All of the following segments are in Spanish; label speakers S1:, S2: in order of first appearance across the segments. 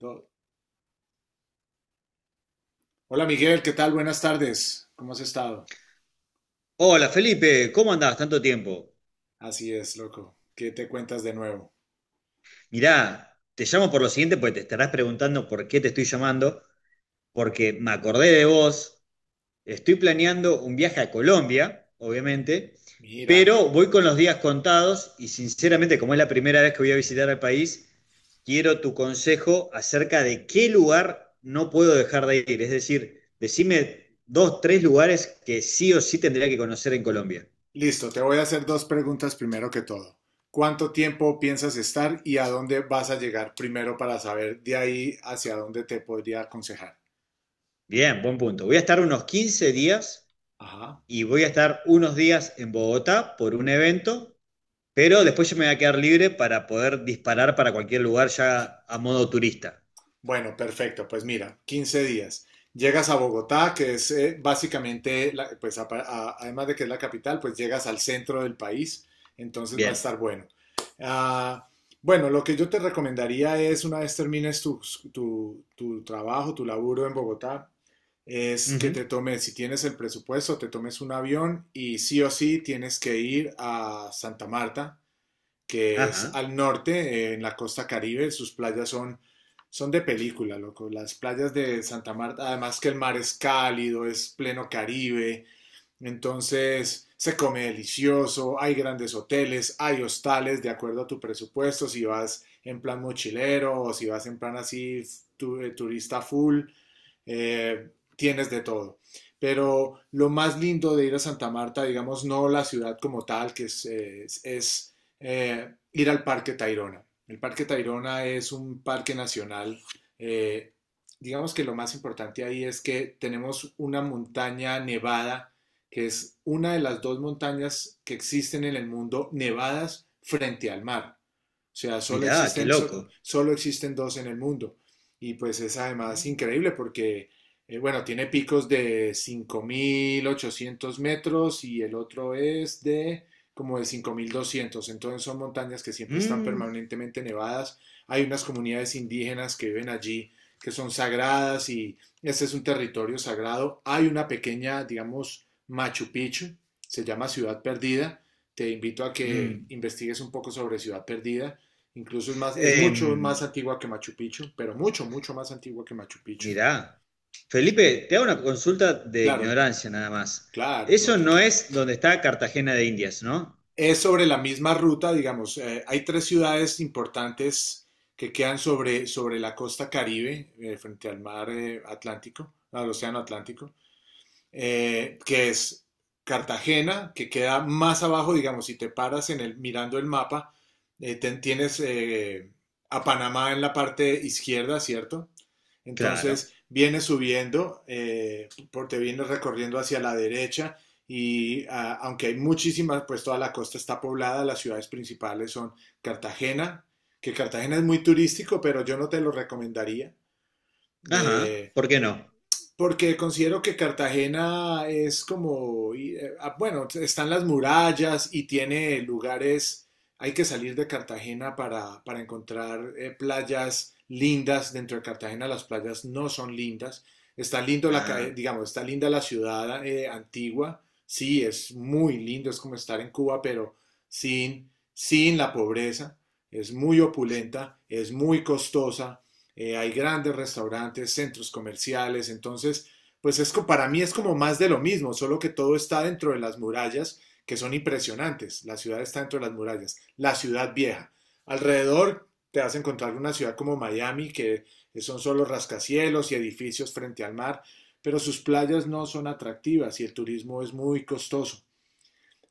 S1: Do- Hola Miguel, ¿qué tal? Buenas tardes. ¿Cómo has estado?
S2: Hola Felipe, ¿cómo andás? Tanto tiempo.
S1: Así es, loco. ¿Qué te cuentas de nuevo?
S2: Mirá, te llamo por lo siguiente porque te estarás preguntando por qué te estoy llamando, porque me acordé de vos, estoy planeando un viaje a Colombia, obviamente,
S1: Mira.
S2: pero voy con los días contados y sinceramente, como es la primera vez que voy a visitar el país, quiero tu consejo acerca de qué lugar no puedo dejar de ir. Es decir, decime dos, tres lugares que sí o sí tendría que conocer en Colombia.
S1: Listo, te voy a hacer dos preguntas primero que todo. ¿Cuánto tiempo piensas estar y a dónde vas a llegar primero para saber de ahí hacia dónde te podría aconsejar?
S2: Bien, buen punto. Voy a estar unos 15 días
S1: Ajá.
S2: y voy a estar unos días en Bogotá por un evento, pero después yo me voy a quedar libre para poder disparar para cualquier lugar ya a modo turista.
S1: Bueno, perfecto. Pues mira, 15 días. Llegas a Bogotá, que es básicamente, además de que es la capital, pues llegas al centro del país, entonces va a
S2: Bien.
S1: estar bueno. Ah, bueno, lo que yo te recomendaría es, una vez termines tu trabajo, tu laburo en Bogotá, es que
S2: Ujú.
S1: te tomes, si tienes el presupuesto, te tomes un avión y sí o sí tienes que ir a Santa Marta, que es
S2: Ajá.
S1: al norte, en la costa caribe. Sus playas son de película, loco. Las playas de Santa Marta, además que el mar es cálido, es pleno caribe. Entonces se come delicioso, hay grandes hoteles, hay hostales de acuerdo a tu presupuesto, si vas en plan mochilero o si vas en plan así turista full, tienes de todo. Pero lo más lindo de ir a Santa Marta, digamos, no la ciudad como tal, que es ir al Parque Tayrona. El Parque Tayrona es un parque nacional. Eh, digamos que lo más importante ahí es que tenemos una montaña nevada, que es una de las dos montañas que existen en el mundo nevadas frente al mar. O sea, solo
S2: Mirá, qué
S1: existen,
S2: loco.
S1: solo existen dos en el mundo. Y pues es además
S2: Mm,
S1: increíble porque, bueno, tiene picos de 5.800 metros y el otro es de como de 5.200. Entonces son montañas que siempre están
S2: mm,
S1: permanentemente nevadas. Hay unas comunidades indígenas que viven allí, que son sagradas, y este es un territorio sagrado. Hay una pequeña, digamos, Machu Picchu, se llama Ciudad Perdida. Te invito a que
S2: mm.
S1: investigues un poco sobre Ciudad Perdida. Incluso es mucho más
S2: Em,
S1: antigua que Machu Picchu, pero mucho, mucho más antigua que Machu Picchu.
S2: mirá. Felipe, te hago una consulta de
S1: Claro,
S2: ignorancia nada más.
S1: claro, no,
S2: Eso no
S1: tranquilo.
S2: es donde está Cartagena de Indias, ¿no?
S1: Es sobre la misma ruta, digamos. Hay tres ciudades importantes que quedan sobre la costa Caribe, frente al mar, Atlántico, al océano Atlántico, que es Cartagena, que queda más abajo, digamos, si te paras en el, mirando el mapa, tienes a Panamá en la parte izquierda, ¿cierto?
S2: Claro.
S1: Entonces vienes subiendo, te vienes recorriendo hacia la derecha y, aunque hay muchísimas, pues toda la costa está poblada, las ciudades principales son Cartagena, que Cartagena es muy turístico, pero yo no te lo recomendaría.
S2: Ajá.
S1: Eh,
S2: ¿Por qué no?
S1: Porque considero que Cartagena es como, bueno, están las murallas y tiene lugares, hay que salir de Cartagena para encontrar, playas lindas. Dentro de Cartagena las playas no son lindas. Está lindo la, ca-
S2: Ah.
S1: digamos, está linda la ciudad, antigua. Sí, es muy lindo, es como estar en Cuba, pero sin la pobreza. Es muy opulenta, es muy costosa, hay grandes restaurantes, centros comerciales, entonces, pues para mí es como más de lo mismo, solo que todo está dentro de las murallas, que son impresionantes. La ciudad está dentro de las murallas, la ciudad vieja. Alrededor te vas a encontrar una ciudad como Miami, que son solo rascacielos y edificios frente al mar, pero sus playas no son atractivas y el turismo es muy costoso.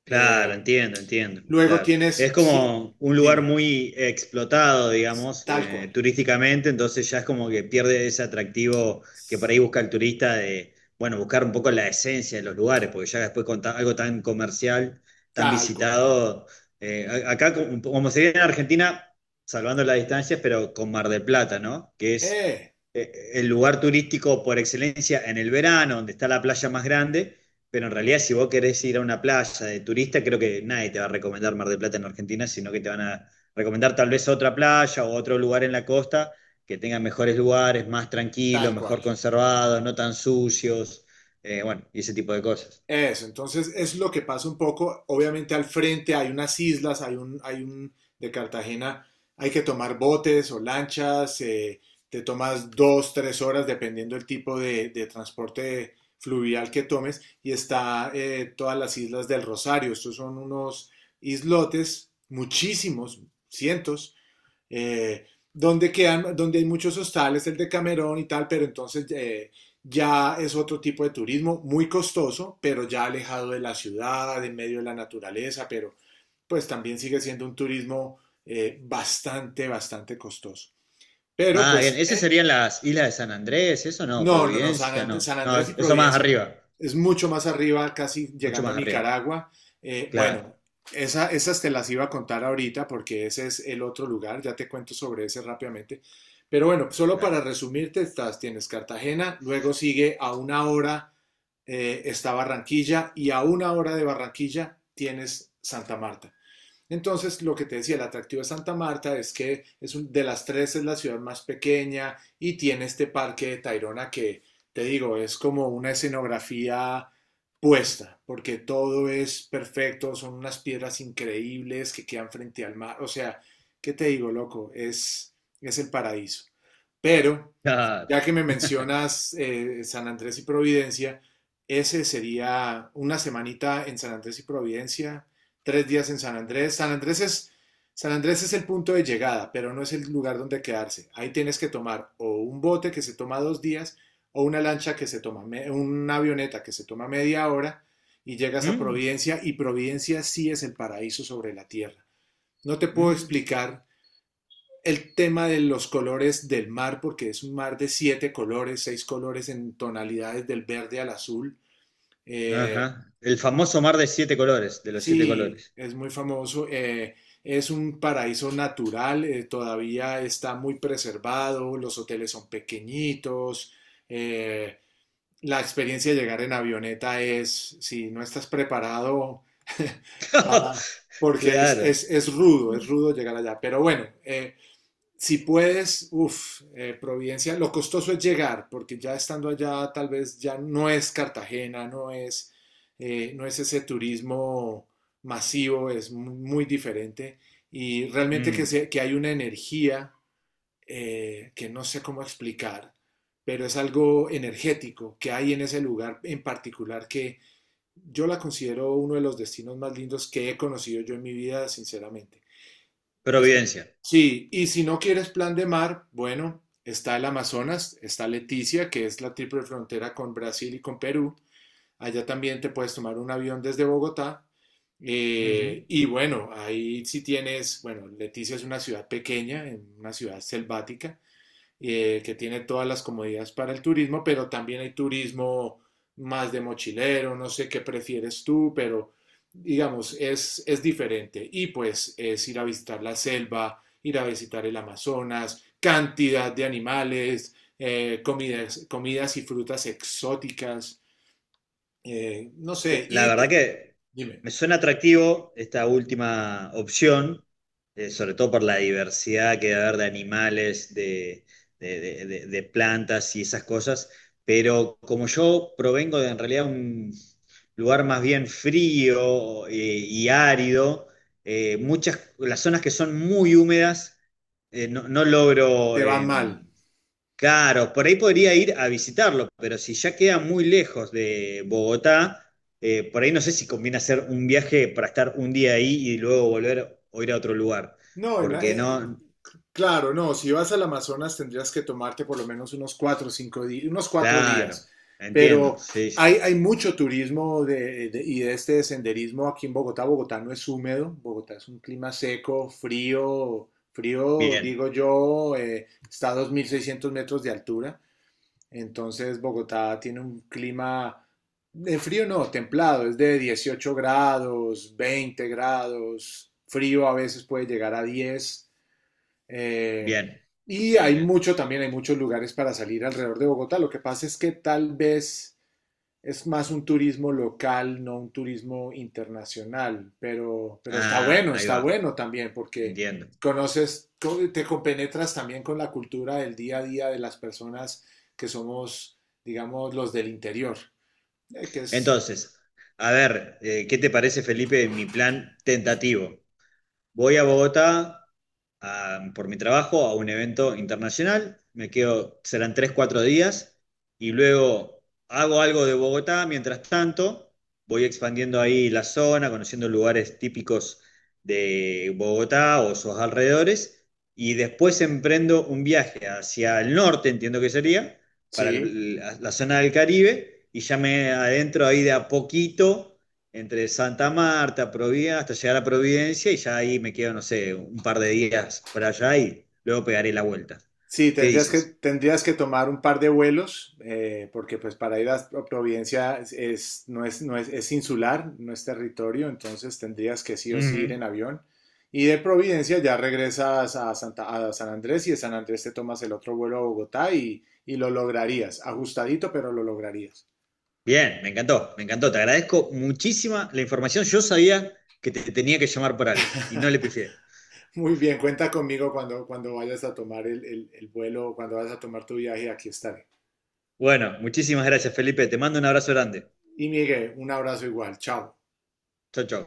S2: Claro,
S1: Eh,
S2: entiendo, entiendo,
S1: Luego
S2: claro. Es
S1: tienes, sí,
S2: como un lugar
S1: dime,
S2: muy explotado, digamos,
S1: tal cual,
S2: turísticamente, entonces ya es como que pierde ese atractivo que por ahí busca el turista de, bueno, buscar un poco la esencia de los lugares, porque ya después con algo tan comercial, tan
S1: tal cual,
S2: visitado, acá como, como se ve en Argentina, salvando las distancias, pero con Mar del Plata, ¿no? Que es
S1: eh,
S2: el lugar turístico por excelencia en el verano, donde está la playa más grande, pero en realidad, si vos querés ir a una playa de turista, creo que nadie te va a recomendar Mar del Plata en Argentina, sino que te van a recomendar tal vez otra playa o otro lugar en la costa que tenga mejores lugares, más tranquilos,
S1: tal cual.
S2: mejor conservados, no tan sucios, bueno, y ese tipo de cosas.
S1: Eso, entonces es lo que pasa un poco. Obviamente al frente hay unas islas, hay un de Cartagena, hay que tomar botes o lanchas, te tomas 2, 3 horas dependiendo del tipo de transporte fluvial que tomes y está, todas las islas del Rosario. Estos son unos islotes, muchísimos, cientos, eh, donde hay muchos hostales, el de Camerón y tal, pero entonces, ya es otro tipo de turismo muy costoso, pero ya alejado de la ciudad, en medio de la naturaleza, pero pues también sigue siendo un turismo, bastante, bastante costoso. Pero
S2: Ah, bien,
S1: pues,
S2: esas serían las islas de San Andrés, eso no,
S1: no, no, no, San
S2: Providencia,
S1: Andrés,
S2: no.
S1: San Andrés y
S2: No, eso más
S1: Providencia
S2: arriba,
S1: es mucho más arriba, casi
S2: mucho
S1: llegando a
S2: más arriba.
S1: Nicaragua.
S2: Claro,
S1: Bueno, esas te las iba a contar ahorita, porque ese es el otro lugar. Ya te cuento sobre ese rápidamente. Pero bueno, solo
S2: dale.
S1: para resumirte, tienes Cartagena, luego sigue a una hora, está Barranquilla, y a una hora de Barranquilla tienes Santa Marta. Entonces, lo que te decía, el atractivo de Santa Marta es que de las tres es la ciudad más pequeña, y tiene este parque de Tayrona que, te digo, es como una escenografía puesta, porque todo es perfecto, son unas piedras increíbles que quedan frente al mar. O sea, ¿qué te digo, loco? Es el paraíso. Pero
S2: Claro.
S1: ya que me mencionas, San Andrés y Providencia, ese sería una semanita en San Andrés y Providencia, 3 días en San Andrés. San Andrés es el punto de llegada, pero no es el lugar donde quedarse. Ahí tienes que tomar o un bote que se toma 2 días, o una lancha que una avioneta que se toma media hora, y llegas a
S2: Mm,
S1: Providencia, y Providencia sí es el paraíso sobre la tierra. No te puedo
S2: mm,
S1: explicar el tema de los colores del mar, porque es un mar de siete colores, seis colores en tonalidades del verde al azul. Eh,
S2: ajá. El famoso mar de siete colores, de los siete
S1: sí,
S2: colores.
S1: es muy famoso. Es un paraíso natural, todavía está muy preservado, los hoteles son pequeñitos, eh, la experiencia de llegar en avioneta es, si no estás preparado para, porque es,
S2: Claro.
S1: es, es rudo, es rudo llegar allá. Pero bueno, si puedes, uff, Providencia, lo costoso es llegar, porque ya estando allá tal vez ya no es Cartagena, no es ese turismo masivo, es muy, muy diferente, y realmente que,
S2: Mm,
S1: se- que hay una energía, que no sé cómo explicar, pero es algo energético que hay en ese lugar en particular, que yo la considero uno de los destinos más lindos que he conocido yo en mi vida, sinceramente. Eso.
S2: Providencia.
S1: Sí, y si no quieres plan de mar, bueno, está el Amazonas, está Leticia, que es la triple frontera con Brasil y con Perú. Allá también te puedes tomar un avión desde Bogotá.
S2: Ujú.
S1: Y bueno, ahí sí tienes, bueno, Leticia es una ciudad pequeña, en una ciudad selvática, que tiene todas las comodidades para el turismo, pero también hay turismo más de mochilero, no sé qué prefieres tú, pero digamos, es diferente. Y pues es ir a visitar la selva, ir a visitar el Amazonas, cantidad de animales, comidas y frutas exóticas, no sé,
S2: La
S1: y.
S2: verdad que
S1: Dime.
S2: me suena atractivo esta última opción, sobre todo por la diversidad que va a haber de animales, de, de plantas y esas cosas, pero como yo provengo de en realidad un lugar más bien frío, y árido, muchas, las zonas que son muy húmedas, no, no logro.
S1: Te va mal.
S2: Claro, por ahí podría ir a visitarlo, pero si ya queda muy lejos de Bogotá, por ahí no sé si conviene hacer un viaje para estar un día ahí y luego volver o ir a otro lugar.
S1: No,
S2: Porque no,
S1: claro, no, si vas al Amazonas tendrías que tomarte por lo menos unos 4 o 5 días, unos cuatro
S2: claro,
S1: días.
S2: entiendo,
S1: Pero
S2: sí,
S1: hay,
S2: sí.
S1: hay mucho turismo de, y de este de senderismo aquí en Bogotá. Bogotá no es húmedo, Bogotá es un clima seco, frío, frío,
S2: Bien,
S1: digo yo, está a 2.600 metros de altura. Entonces Bogotá tiene un clima, de frío no, templado, es de 18 grados, 20 grados, frío a veces puede llegar a 10. Eh,
S2: bien,
S1: y
S2: bien,
S1: hay
S2: bien.
S1: mucho también, hay muchos lugares para salir alrededor de Bogotá. Lo que pasa es que tal vez es más un turismo local, no un turismo internacional, pero,
S2: Ah, ahí
S1: está
S2: va,
S1: bueno también porque
S2: entiendo.
S1: conoces, te compenetras también con la cultura del día a día de las personas que somos, digamos, los del interior, eh, que es,
S2: Entonces, a ver, ¿qué te parece, Felipe, mi plan tentativo? Voy a Bogotá por mi trabajo a un evento internacional, me quedo, serán tres, cuatro días, y luego hago algo de Bogotá, mientras tanto voy expandiendo ahí la zona, conociendo lugares típicos de Bogotá o sus alrededores, y después emprendo un viaje hacia el norte, entiendo que sería, para
S1: sí.
S2: la zona del Caribe, y ya me adentro ahí de a poquito entre Santa Marta, Providencia, hasta llegar a Providencia y ya ahí me quedo, no sé, un par de días por allá y luego pegaré la vuelta.
S1: Sí,
S2: ¿Qué
S1: tendrías que,
S2: dices?
S1: tendrías que tomar un par de vuelos, porque pues para ir a Providencia es insular, no es territorio, entonces tendrías que sí o sí ir
S2: Ujú.
S1: en avión. Y de Providencia ya regresas a San Andrés, y de San Andrés te tomas el otro vuelo a Bogotá, y lo lograrías, ajustadito, pero lo lograrías.
S2: Bien, me encantó, me encantó. Te agradezco muchísima la información. Yo sabía que te tenía que llamar por algo y no le pifié.
S1: Muy bien, cuenta conmigo cuando, vayas a tomar el vuelo, cuando vayas a tomar tu viaje, aquí estaré.
S2: Bueno, muchísimas gracias, Felipe. Te mando un abrazo grande.
S1: Y Miguel, un abrazo igual, chao.
S2: Chau, chau.